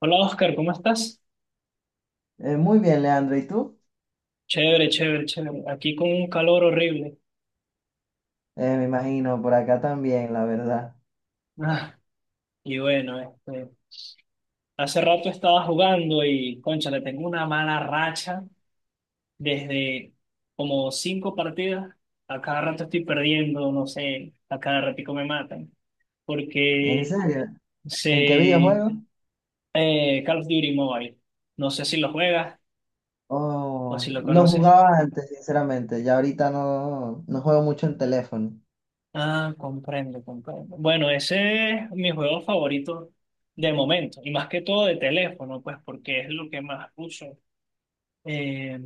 Hola Oscar, ¿cómo estás? Muy bien, Leandro. ¿Y tú? Chévere, chévere, chévere. Aquí con un calor horrible. Me imagino, por acá también, la verdad. Ah, y bueno, este, hace rato estaba jugando y, concha, le tengo una mala racha desde como cinco partidas. A cada rato estoy perdiendo, no sé, a cada ratico me matan. ¿En Porque serio? ¿En qué se... videojuego? Call of Duty Mobile. No sé si lo juegas o si Oh, lo lo conoces. jugaba antes, sinceramente. Ya ahorita no, juego mucho en teléfono. Ah, comprendo, comprendo. Bueno, ese es mi juego favorito de momento, y más que todo de teléfono, pues porque es lo que más uso. Eh,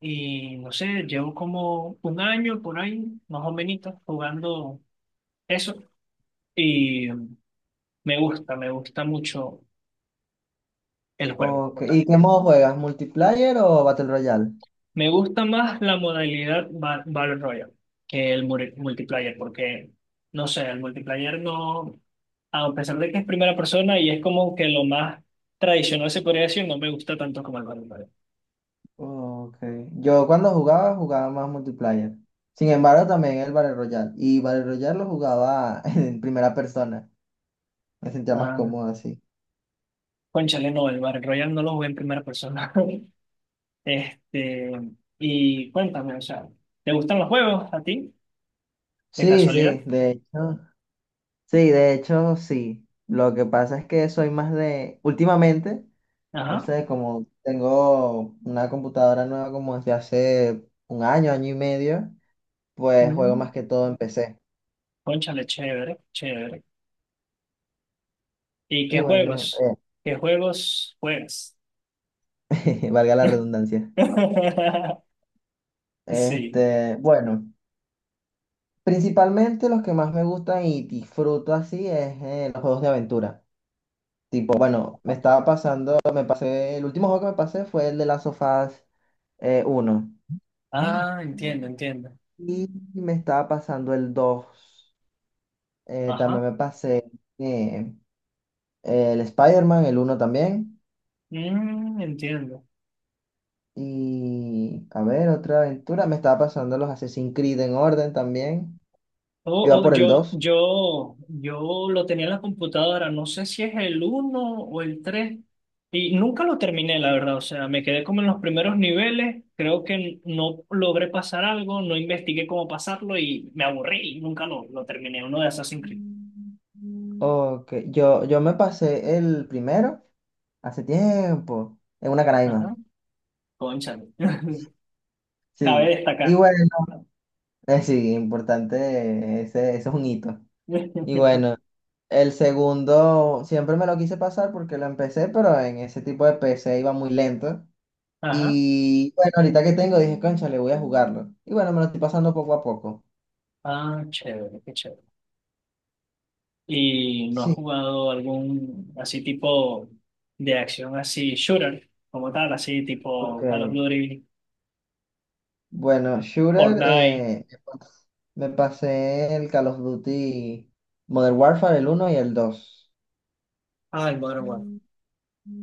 y no sé, llevo como un año por ahí, más o menos, jugando eso, y me gusta mucho el juego Ok, como tal. ¿y qué modo juegas? ¿Multiplayer o Battle Royale? Me gusta más la modalidad Battle Royale que el multiplayer, porque, no sé, el multiplayer no... a pesar de que es primera persona y es como que lo más tradicional se podría decir, no me gusta tanto como el Battle Royale. Ok. Yo cuando jugaba, jugaba más multiplayer. Sin embargo, también el Battle Royale. Y Battle Royale lo jugaba en primera persona. Me sentía más Ah, cómodo así. cónchale, no, el Battle Royale no lo jugué en primera persona. Este, y cuéntame, o sea, ¿te gustan los juegos a ti? De Sí, casualidad. sí, de hecho. Sí, de hecho, sí. Lo que pasa es que soy más de, últimamente, no Ajá. sé, como tengo una computadora nueva como desde hace un año, año y medio, pues juego Mm, más que todo en PC. cónchale, chévere, chévere. ¿Y Y qué bueno, juegos? ¿Qué juegos juegas? Valga la redundancia. Sí. Bueno, principalmente los que más me gustan y disfruto así es los juegos de aventura. Tipo, bueno, me estaba pasando, me pasé, el último juego que me pasé fue el de Last of Us 1. Ah, entiendo, entiendo. Y me estaba pasando el dos. Ajá. También me pasé eh, el Spider-Man, el uno también. Entiendo. Y a ver, otra aventura. Me estaba pasando los Assassin's Creed en orden también. Oh, Yo iba oh, por el yo, dos. yo, yo lo tenía en la computadora, no sé si es el uno o el 3 y nunca lo terminé, la verdad, o sea, me quedé como en los primeros niveles, creo que no logré pasar algo, no investigué cómo pasarlo y me aburrí y nunca lo terminé, uno de Assassin's Creed. Ok, yo me pasé el primero hace tiempo, en una canaima. Ajá, cónchale, cabe Sí. Y destacar. bueno, sí, importante, ese es un hito. Y bueno. El segundo siempre me lo quise pasar porque lo empecé, pero en ese tipo de PC iba muy lento. Ajá, Y bueno, ahorita que tengo, dije, concha, le voy a jugarlo. Y bueno, me lo estoy pasando poco a poco. ah, chévere, qué chévere. ¿Y no has Sí, jugado algún así tipo de acción así shooter como tal, así ok. tipo Call of Duty, Bueno, shooter, Fortnite? Me pasé el Call of Duty Modern Warfare, el uno y el dos. Ah, el Modern Warfare.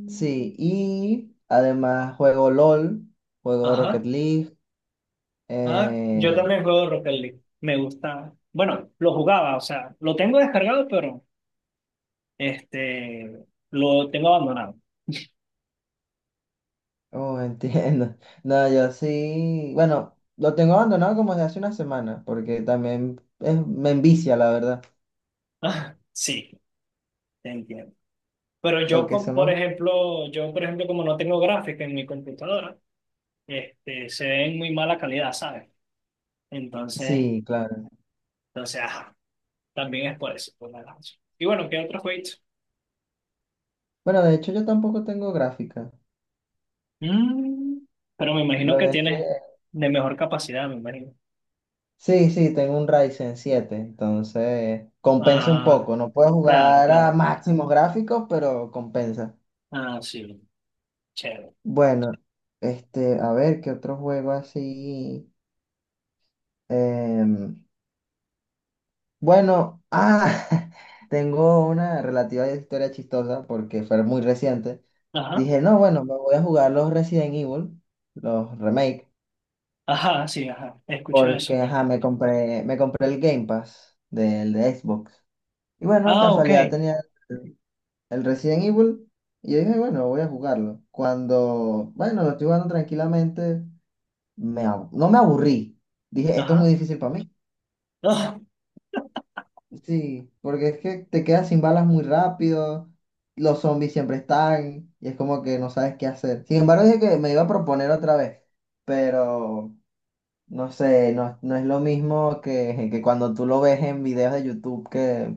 Sí, y además juego LOL, juego Rocket Ajá. League. Ah, yo eh, también juego Rocket League. Me gusta. Bueno, lo jugaba, o sea, lo tengo descargado, pero lo tengo abandonado. Oh, entiendo. No, yo sí, bueno, lo tengo abandonado como desde hace una semana, porque también me envicia, la verdad, Ah, sí, te entiendo. Pero lo yo, que son por los... ejemplo, como no tengo gráfica en mi computadora, se ve en muy mala calidad, ¿sabes? Entonces, Sí, claro. entonces, también es por eso, por la danza. Y bueno, ¿qué otros jueguitos? Bueno, de hecho yo tampoco tengo gráfica. Mm, pero me imagino Lo que dejé... tienes de mejor capacidad, me imagino. Sí, sí, tengo un Ryzen siete, entonces compensa un Ah, poco. No puedo claro, jugar a claro. máximos gráficos, pero compensa. Ah, sí, chévere. Bueno, este, a ver, ¿qué otro juego así? Em, Bueno, ah, tengo una relativa historia chistosa porque fue muy reciente. Ajá, Dije, no, bueno, me voy a jugar los Resident Evil, los remake, ajá, sí, ajá. He escuchado eso, porque pero- ajá, me compré el Game Pass del de Xbox. Y bueno, Ah, ok. casualidad tenía el el Resident Evil, y yo dije, bueno, voy a jugarlo. Cuando, bueno, lo estoy jugando tranquilamente, no me aburrí. Dije, esto es muy Ajá. difícil para mí. Ah, Sí, porque es que te quedas sin balas muy rápido, los zombies siempre están y es como que no sabes qué hacer. Sin embargo, dije que me iba a proponer otra vez, pero no sé, no es lo mismo que cuando tú lo ves en videos de YouTube que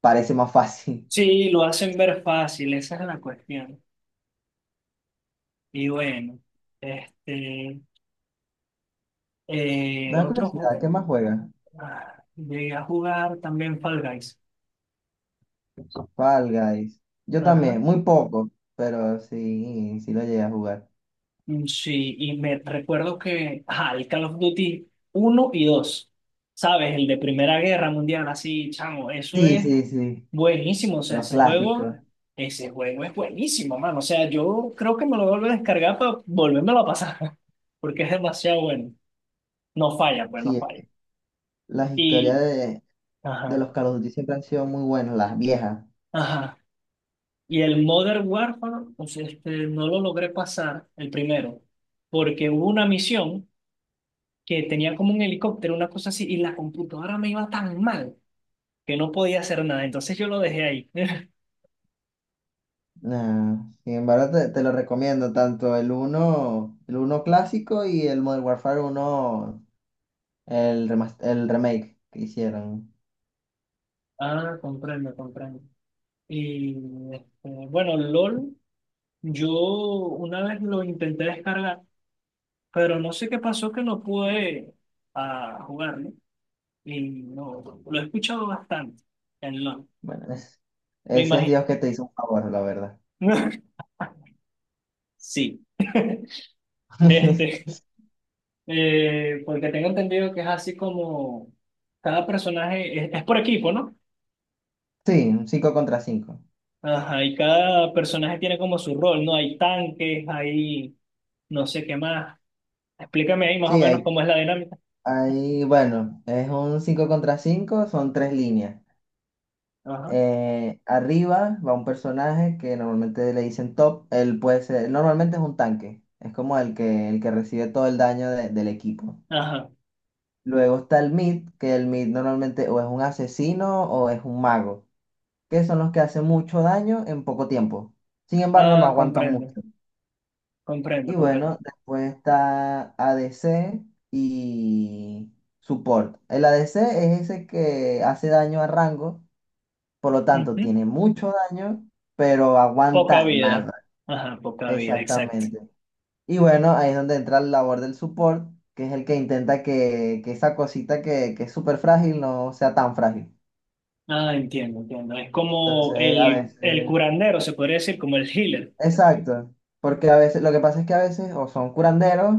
parece más fácil. sí, lo hacen ver fácil, esa es la cuestión. Y bueno, este, Me da otro curiosidad, ¿qué juego. más juegas? Ah, llegué a jugar también Fall Guys. Fall Guys. Yo Ajá. también, muy poco, pero sí, sí lo llegué a jugar. Mm, sí, y me recuerdo que, ajá, el Call of Duty uno y dos, ¿sabes? El de Primera Guerra Mundial, así, chamo, eso Sí, es sí, sí, buenísimo, o sea, los clásicos. ese juego es buenísimo, mano, o sea, yo creo que me lo vuelvo a descargar para volvérmelo a pasar, porque es demasiado bueno, no falla, pues, no Sí, falla. las historias Y, de ajá, los Call of Duty siempre han sido muy buenos, las viejas. ajá, y el Modern Warfare, pues, no lo logré pasar, el primero, porque hubo una misión que tenía como un helicóptero, una cosa así, y la computadora me iba tan mal que no podía hacer nada, entonces yo lo dejé ahí. Nah, sin embargo, te lo recomiendo, tanto el uno clásico y el Modern Warfare uno, el, el remake que hicieron. Ah, comprendo, comprendo. Y bueno, LOL, yo una vez lo intenté descargar, pero no sé qué pasó que no pude jugarlo. Y no, lo he escuchado bastante en LOL, Bueno, me ese es imagino. Dios que te hizo un favor, la verdad. Sí. Este, porque tengo entendido que es así como cada personaje es por equipo, ¿no? Sí, un 5 contra cinco. Ajá, y cada personaje tiene como su rol, ¿no? Hay tanques, hay no sé qué más. Explícame ahí más o Sí, menos cómo es la dinámica. Bueno, es un 5 contra cinco, son tres líneas. Ajá, Arriba va un personaje que normalmente le dicen top. Él puede ser, normalmente es un tanque. Es como el que recibe todo el daño del equipo. ajá. Luego está el mid, que el mid normalmente o es un asesino o es un mago, que son los que hacen mucho daño en poco tiempo. Sin embargo, no Ah, aguantan comprendo, mucho. comprendo, Y comprendo. bueno, después está ADC y support. El ADC es ese que hace daño a rango. Por lo tanto, Ujú. tiene mucho daño, pero Poca aguanta vida. nada. Ajá, poca vida, exacto. Exactamente. Y bueno, ahí es donde entra la labor del support, que es el que intenta que esa cosita que es súper frágil no sea tan frágil. Ah, entiendo, entiendo. Es como Entonces, a el veces... curandero, se podría decir, como el healer. Exacto. Porque a veces, lo que pasa es que a veces o son curanderos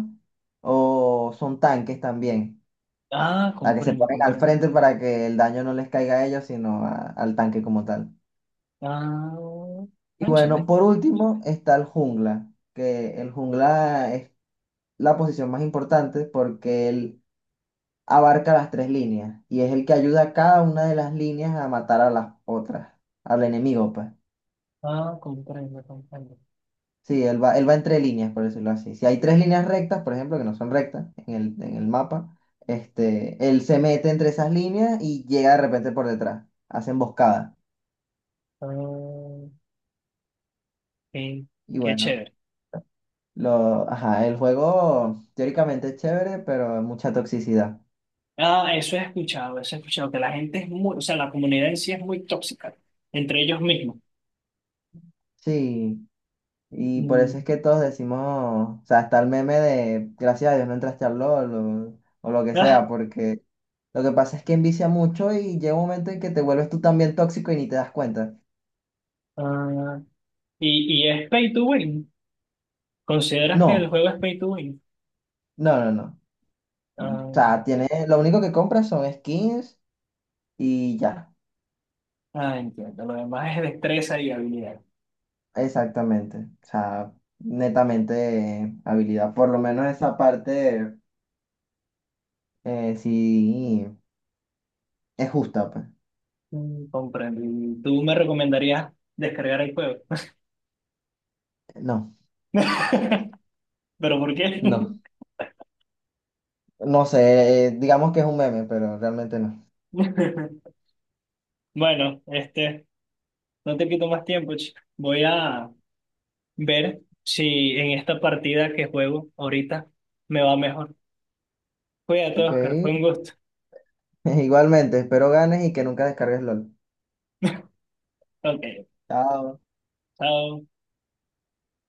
o son tanques también, Ah, para que se comprendo, ponen al comprendo. frente para que el daño no les caiga a ellos, sino al tanque como tal. Ah, Y bueno, cónchale. por último está el jungla, que el jungla es la posición más importante porque él abarca las tres líneas y es el que ayuda a cada una de las líneas a matar a las otras, al enemigo, pues. Ah, comprendo, comprendo. Sí, él va entre líneas, por decirlo así. Si hay tres líneas rectas, por ejemplo, que no son rectas en el mapa, este, él se mete entre esas líneas y llega de repente por detrás, hace emboscada. Ah, qué, Y qué bueno, chévere. Ajá, el juego teóricamente es chévere, pero mucha toxicidad. Ah, eso he escuchado, que la gente es muy, o sea, la comunidad en sí es muy tóxica entre ellos mismos. Sí. Y por eso es Mm, que todos decimos, o sea, está el meme de gracias a Dios no entraste al LOL, o lo que ah, sea, porque lo que pasa es que envicia mucho y llega un momento en que te vuelves tú también tóxico y ni te das cuenta. ah, y, es pay to win. ¿Consideras que el No, juego es pay to win? No, no. O Ah, sea, tiene, lo único que compras son skins y ya, ah, entiendo, lo demás es destreza y habilidad. exactamente. O sea, netamente habilidad. Por lo menos esa parte sí es justa, pues. Comprendo. ¿Y tú me recomendarías descargar el juego? No, ¿Pero por qué? no. No sé, digamos que es un meme, pero realmente no. Bueno, no te quito más tiempo, chico. Voy a ver si en esta partida que juego ahorita me va mejor. Cuídate, Ok. Oscar, fue un gusto. Igualmente, espero ganes y que nunca descargues LOL. Ok, Chao. chao.